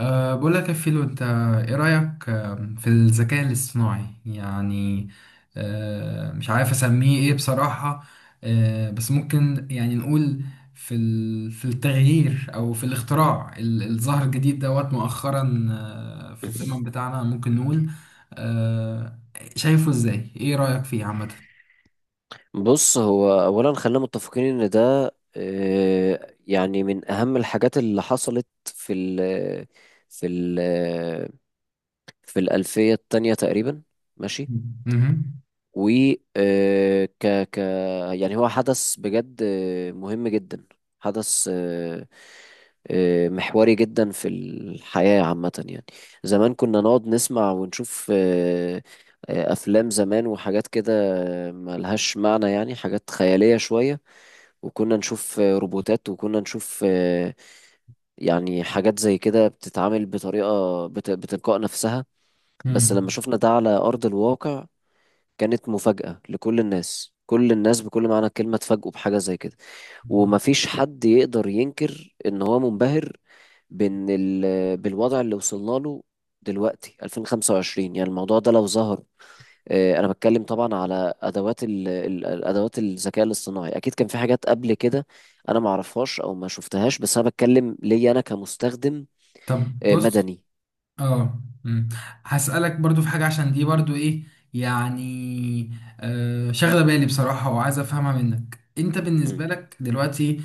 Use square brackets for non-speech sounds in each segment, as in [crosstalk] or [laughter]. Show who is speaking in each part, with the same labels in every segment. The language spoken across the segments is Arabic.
Speaker 1: بقول لك يا فيلو، انت ايه رأيك في الذكاء الاصطناعي؟ يعني مش عارف اسميه ايه بصراحة. بس ممكن يعني نقول في في التغيير او في الاختراع الظاهر الجديد دوت مؤخرا، في الزمن بتاعنا ممكن نقول. أه شايفه ازاي؟ ايه رأيك فيه عامة؟
Speaker 2: بص، هو اولا خلينا متفقين ان ده يعني من اهم الحاجات اللي حصلت في ال في الالفيه التانية تقريبا، ماشي.
Speaker 1: مهم.
Speaker 2: و آه، ك ك يعني هو حدث بجد مهم جدا. حدث محوري جدا في الحياة عامة يعني. زمان كنا نقعد نسمع ونشوف، أفلام زمان وحاجات كده ملهاش معنى، يعني حاجات خيالية شوية. وكنا نشوف روبوتات، وكنا نشوف يعني حاجات زي كده بتتعامل بتلقاء نفسها. بس
Speaker 1: مم.
Speaker 2: لما شفنا ده على أرض الواقع كانت مفاجأة لكل الناس، كل الناس بكل معنى الكلمة اتفاجئوا بحاجة زي كده. ومفيش حد يقدر ينكر ان هو منبهر بالوضع اللي وصلنا له دلوقتي. 2025 يعني الموضوع ده لو ظهر. انا بتكلم طبعا على الادوات الذكاء الاصطناعي، اكيد كان في حاجات قبل كده انا ما اعرفهاش او ما شفتهاش، بس انا بتكلم ليا انا كمستخدم
Speaker 1: طب بص.
Speaker 2: مدني.
Speaker 1: اه، مم. هسألك برضو في حاجة، عشان دي برضو ايه، يعني شاغلة بالي بصراحة، وعايز افهمها منك انت. بالنسبة
Speaker 2: مم.
Speaker 1: لك دلوقتي،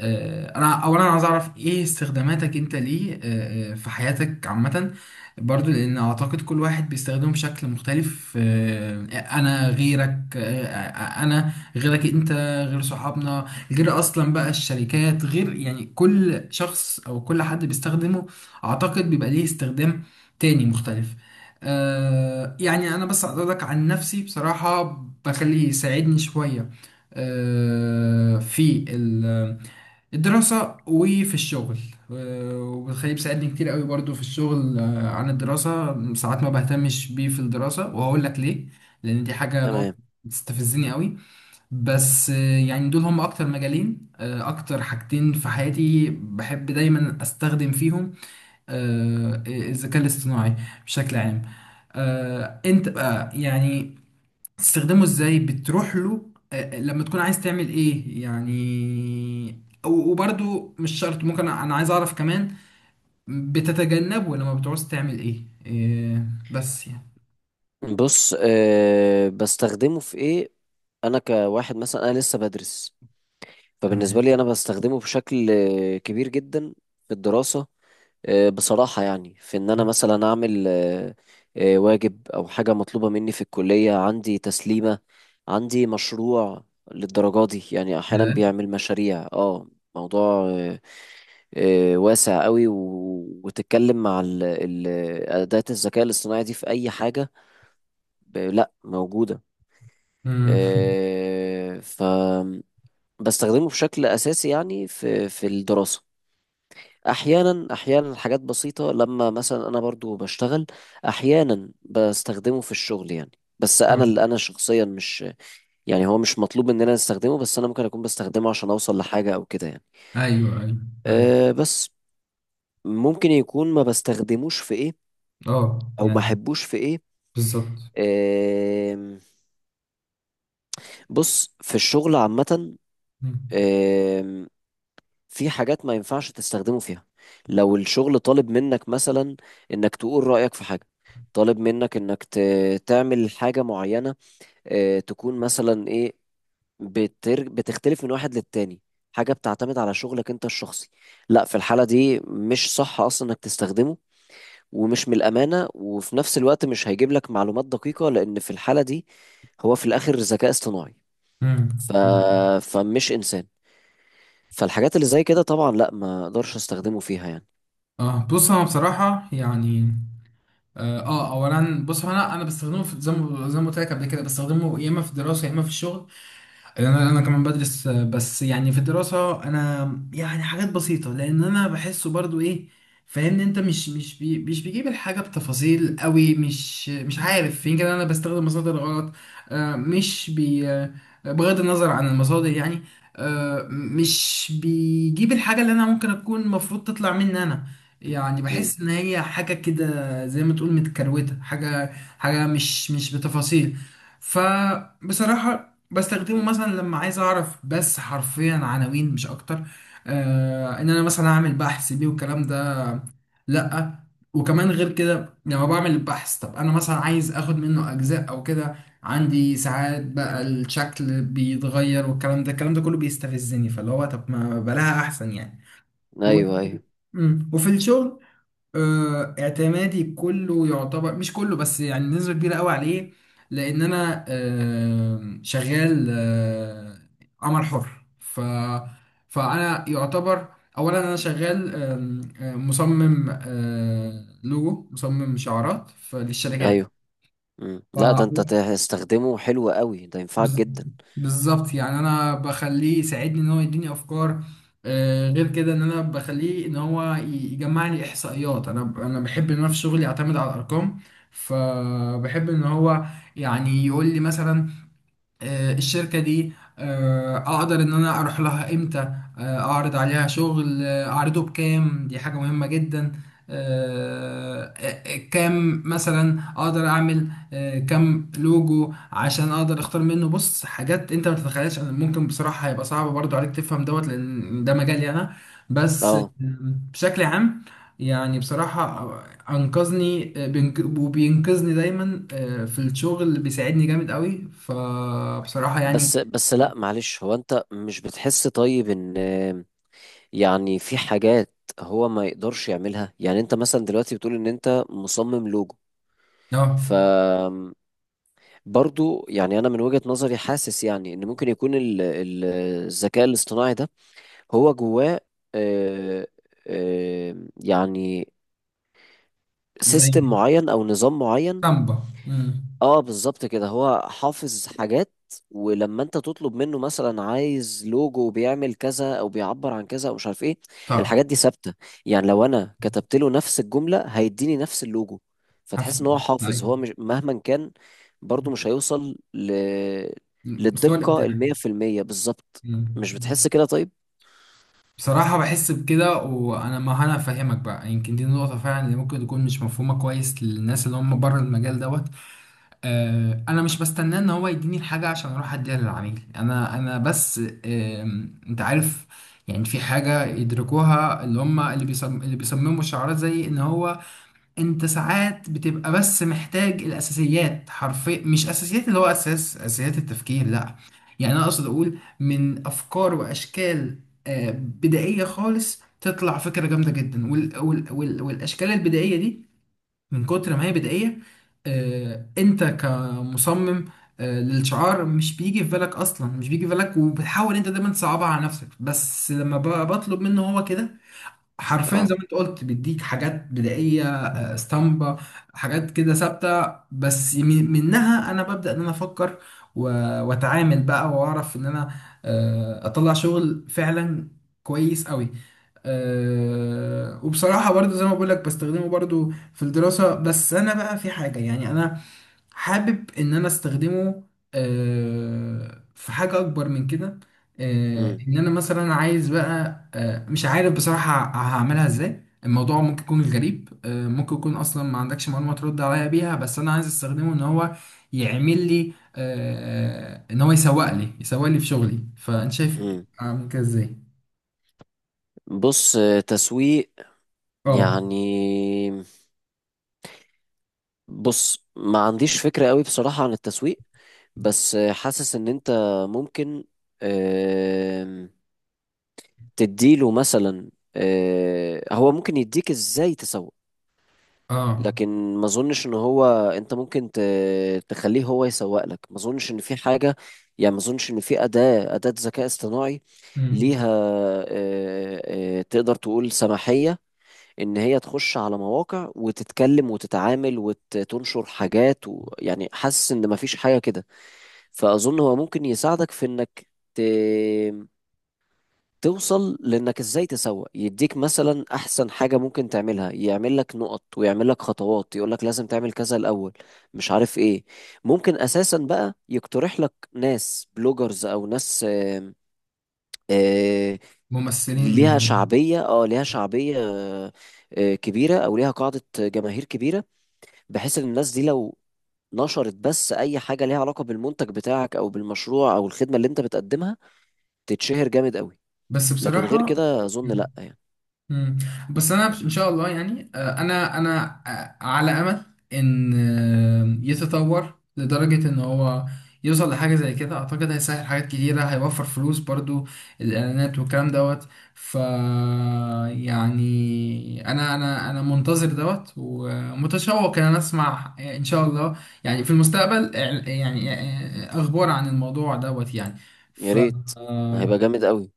Speaker 1: انا اولا عايز اعرف ايه استخداماتك انت ليه، في حياتك عامة؟ برضو لان اعتقد كل واحد بيستخدمه بشكل مختلف. انا غيرك انا غيرك انت، غير صحابنا، غير اصلا بقى الشركات، غير يعني كل شخص او كل حد بيستخدمه اعتقد بيبقى ليه استخدام تاني مختلف. يعني انا بس اقول لك عن نفسي بصراحة، بخليه يساعدني شوية في الدراسة وفي الشغل وبخليه بيساعدني كتير قوي برضو في الشغل، عن الدراسة ساعات ما بهتمش بيه في الدراسة، وهقول لك ليه، لان دي حاجة، نقطة
Speaker 2: تمام.
Speaker 1: بتستفزني قوي. بس يعني دول هم اكتر مجالين، اكتر حاجتين في حياتي بحب دايما استخدم فيهم، الذكاء الاصطناعي بشكل عام. انت بقى يعني تستخدمه ازاي؟ بتروح له لما تكون عايز تعمل ايه يعني؟ و- وبرضو مش شرط، ممكن انا عايز اعرف كمان بتتجنبه لما بتعوز تعمل ايه؟ بس يعني.
Speaker 2: بص، أه، بستخدمه في ايه؟ انا كواحد مثلا انا لسه بدرس، فبالنسبه
Speaker 1: تمام.
Speaker 2: لي انا بستخدمه بشكل كبير جدا في الدراسه. أه، بصراحه يعني في ان انا مثلا اعمل أه أه واجب او حاجه مطلوبه مني في الكليه، عندي تسليمه، عندي مشروع. للدرجه دي يعني احيانا
Speaker 1: yeah.
Speaker 2: بيعمل مشاريع. اه، موضوع أه آه، واسع قوي، وتتكلم مع اداه الذكاء الاصطناعي دي في اي حاجه لا موجوده.
Speaker 1: مم. [laughs]
Speaker 2: آه، ف بستخدمه بشكل اساسي يعني في في الدراسه. احيانا حاجات بسيطه، لما مثلا انا برضو بشتغل احيانا بستخدمه في الشغل يعني. بس
Speaker 1: آه.
Speaker 2: انا اللي انا شخصيا مش، يعني هو مش مطلوب مننا نستخدمه، بس انا ممكن اكون بستخدمه عشان اوصل لحاجه او كده يعني.
Speaker 1: ايوه، ايوه، ايوه.
Speaker 2: أه، بس ممكن يكون ما بستخدموش في ايه
Speaker 1: اه،
Speaker 2: او ما
Speaker 1: يعني
Speaker 2: احبوش في ايه.
Speaker 1: بالظبط.
Speaker 2: أه، بص، في الشغل
Speaker 1: مم.
Speaker 2: عامه في حاجات ما ينفعش تستخدمه فيها. لو الشغل طالب منك مثلا انك تقول رأيك في حاجة، طالب منك انك تعمل حاجة معينة، تكون مثلا ايه، بتختلف من واحد للتاني، حاجة بتعتمد على شغلك انت الشخصي. لا، في الحالة دي مش صح اصلا انك تستخدمه، ومش من الأمانة، وفي نفس الوقت مش هيجيب لك معلومات دقيقة، لأن في الحالة دي هو في الآخر ذكاء اصطناعي.
Speaker 1: مم.
Speaker 2: ف...
Speaker 1: مم.
Speaker 2: فمش إنسان. فالحاجات اللي زي كده طبعا لا، ما اقدرش استخدمه فيها يعني.
Speaker 1: اه بص، انا بصراحة يعني اولا بص هو، انا بستخدمه في، زي ما، قلت لك قبل كده بستخدمه يا اما في الدراسه يا اما في الشغل. انا كمان بدرس، بس يعني في الدراسه انا يعني حاجات بسيطه، لان انا بحسه برضو ايه، فاهمني؟ انت، مش بيجيب الحاجه بتفاصيل قوي، مش عارف، يمكن انا بستخدم مصادر غلط، آه، مش بي آه، بغض النظر عن المصادر يعني. مش بيجيب الحاجه اللي انا ممكن اكون المفروض تطلع مني انا، يعني
Speaker 2: مم.
Speaker 1: بحس ان هي حاجه كده زي ما تقول متكروته، حاجه، حاجه مش بتفاصيل. فبصراحة بستخدمه مثلا لما عايز اعرف بس حرفيا عناوين، مش اكتر، ان انا مثلا اعمل بحث بيه والكلام ده، لا. وكمان غير كده لما بعمل البحث، طب انا مثلا عايز اخد منه اجزاء او كده، عندي ساعات بقى الشكل بيتغير، والكلام ده، الكلام ده كله بيستفزني، فاللي هو طب ما بلاها احسن يعني. و...
Speaker 2: ايوه، ايوه،
Speaker 1: مم. وفي الشغل، اعتمادي كله يعتبر مش كله، بس يعني نسبة كبيرة قوي عليه، لأن أنا شغال، عمل حر. فأنا يعتبر أولا أنا شغال، آم، آه، مصمم، لوجو، مصمم شعارات للشركات.
Speaker 2: ايوه. مم. لا، ده انت تستخدمه حلو قوي، ده ينفعك
Speaker 1: بز-
Speaker 2: جدا.
Speaker 1: بالظبط، يعني انا بخليه يساعدني ان هو يديني افكار، غير كده ان انا بخليه ان هو يجمع لي احصائيات، انا بحب ان انا في شغلي اعتمد على الارقام، فبحب ان هو يعني يقول لي مثلا الشركة دي، أقدر إن أنا أروح لها إمتى، أعرض عليها شغل، أعرضه بكام، دي حاجة مهمة جدا. كام مثلا أقدر أعمل كام لوجو عشان أقدر أختار منه. بص، حاجات أنت ما تتخيلش، أنا ممكن بصراحة هيبقى صعب برضو عليك تفهم دوت، لأن ده مجالي أنا. بس
Speaker 2: اه،
Speaker 1: بشكل عام، يعني بصراحة انقذني، وبينقذني دايما في الشغل، بيساعدني جامد قوي، فبصراحة يعني.
Speaker 2: بس بس لا معلش، هو انت مش بتحس طيب ان، يعني في حاجات هو ما يقدرش يعملها؟ يعني انت مثلا دلوقتي بتقول ان انت مصمم لوجو،
Speaker 1: اه،
Speaker 2: ف برضو يعني انا من وجهة نظري حاسس يعني ان ممكن يكون الذكاء الاصطناعي ده هو جواه آه، يعني
Speaker 1: زي
Speaker 2: سيستم معين او نظام معين.
Speaker 1: سامبا.
Speaker 2: اه بالظبط كده، هو حافظ حاجات. ولما انت تطلب منه مثلا عايز لوجو بيعمل كذا او بيعبر عن كذا او مش عارف ايه،
Speaker 1: طب.
Speaker 2: الحاجات دي ثابته. يعني لو انا كتبت له نفس الجمله هيديني نفس اللوجو،
Speaker 1: هف-
Speaker 2: فتحس ان هو حافظ،
Speaker 1: أيوة.
Speaker 2: هو مش مهما كان برضو مش هيوصل
Speaker 1: مم. مستوى
Speaker 2: للدقه
Speaker 1: الابداع.
Speaker 2: المية في المية بالظبط.
Speaker 1: أمم.
Speaker 2: مش بتحس كده طيب؟
Speaker 1: بصراحة بحس بكده، وأنا، ما أنا فاهمك بقى، يمكن دي نقطة فعلا اللي ممكن تكون مش مفهومة كويس للناس اللي هم بره المجال دوت. انا مش بستناه ان هو يديني الحاجه عشان اروح اديها للعميل، انا بس، انت عارف يعني، في حاجه يدركوها اللي هم، اللي بيصمموا الشعارات، زي ان هو انت ساعات بتبقى بس محتاج الاساسيات، حرفيا مش اساسيات اللي هو اساس، اساسيات التفكير لا، يعني انا اقصد اقول من افكار واشكال بدائيه خالص تطلع فكره جامده جدا، والاشكال البدائيه دي من كتر ما هي بدائية، انت كمصمم للشعار مش بيجي في بالك اصلا، مش بيجي في بالك، وبتحاول انت دايما تصعبها على نفسك، بس لما بطلب منه هو كده حرفيا
Speaker 2: اه.
Speaker 1: زي ما انت قلت، بيديك حاجات بدائيه، اسطمبه، حاجات كده ثابته، بس منها انا ببدا ان انا افكر و- واتعامل بقى واعرف ان انا اطلع شغل فعلا كويس قوي. وبصراحه برضو زي ما بقول لك، بستخدمه برضو في الدراسه، بس انا بقى في حاجه يعني انا حابب ان انا استخدمه في حاجة اكبر من كده،
Speaker 2: امم.
Speaker 1: ان انا مثلا عايز بقى، مش عارف بصراحة هعملها ازاي، الموضوع ممكن يكون غريب، ممكن يكون اصلا ما عندكش معلومة ترد عليا بيها، بس انا عايز استخدمه ان هو يعمل لي ان هو يسوق لي، في شغلي، فانت شايف
Speaker 2: امم.
Speaker 1: اعمل كده ازاي؟
Speaker 2: بص، تسويق
Speaker 1: اه،
Speaker 2: يعني؟ بص ما عنديش فكره قوي بصراحه عن التسويق، بس حاسس ان انت ممكن، آم، تديله مثلا، هو ممكن يديك ازاي تسوق،
Speaker 1: اه.
Speaker 2: لكن ما اظنش ان هو، انت ممكن تخليه هو يسوق لك. ما اظنش ان في حاجة، يعني ما اظنش ان في أداة ذكاء اصطناعي
Speaker 1: مم.
Speaker 2: ليها آه، تقدر تقول سماحية ان هي تخش على مواقع وتتكلم وتتعامل وتنشر حاجات و... يعني حاسس ان ما فيش حاجة كده. فأظن هو ممكن يساعدك في إنك ت... توصل لإنك إزاي تسوق، يديك مثلا أحسن حاجة ممكن تعملها، يعمل لك نقط ويعمل لك خطوات يقول لك لازم تعمل كذا الأول، مش عارف إيه. ممكن أساسا بقى يقترح لك ناس بلوجرز أو ناس آم، آه، ليها
Speaker 1: ممثلين.
Speaker 2: شعبية. اه ليها شعبية كبيرة، أو ليها قاعدة جماهير كبيرة، بحيث إن الناس دي لو نشرت بس أي حاجة ليها علاقة بالمنتج بتاعك أو بالمشروع أو الخدمة اللي أنت بتقدمها تتشهر جامد قوي.
Speaker 1: بس
Speaker 2: لكن غير
Speaker 1: بصراحة.
Speaker 2: كده اظن لا يعني.
Speaker 1: مم. بس انا ان شاء الله يعني، انا على امل ان يتطور لدرجة ان هو يوصل لحاجة زي كده، اعتقد هيسهل حاجات كتيرة، هيوفر فلوس برضو، الاعلانات والكلام دوت. ف يعني انا منتظر دوت ومتشوق ان انا اسمع ان شاء الله يعني في المستقبل، يعني اخبار عن الموضوع دوت يعني.
Speaker 2: يا
Speaker 1: ف
Speaker 2: ريت، هيبقى جامد قوي.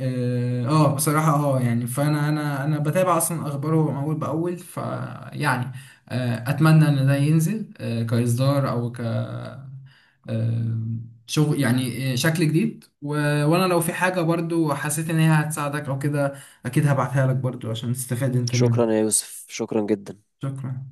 Speaker 1: بصراحة اه يعني، فانا انا انا بتابع اصلا اخباره اول باول، فيعني اتمنى ان ده ينزل كاصدار او، آه شغل يعني، شكل جديد. وانا لو في حاجة برضو حسيت ان هي هتساعدك او كده، اكيد هبعتها لك برضو عشان تستفاد انت منها.
Speaker 2: شكرا يا يوسف، شكرا جدا.
Speaker 1: شكرا.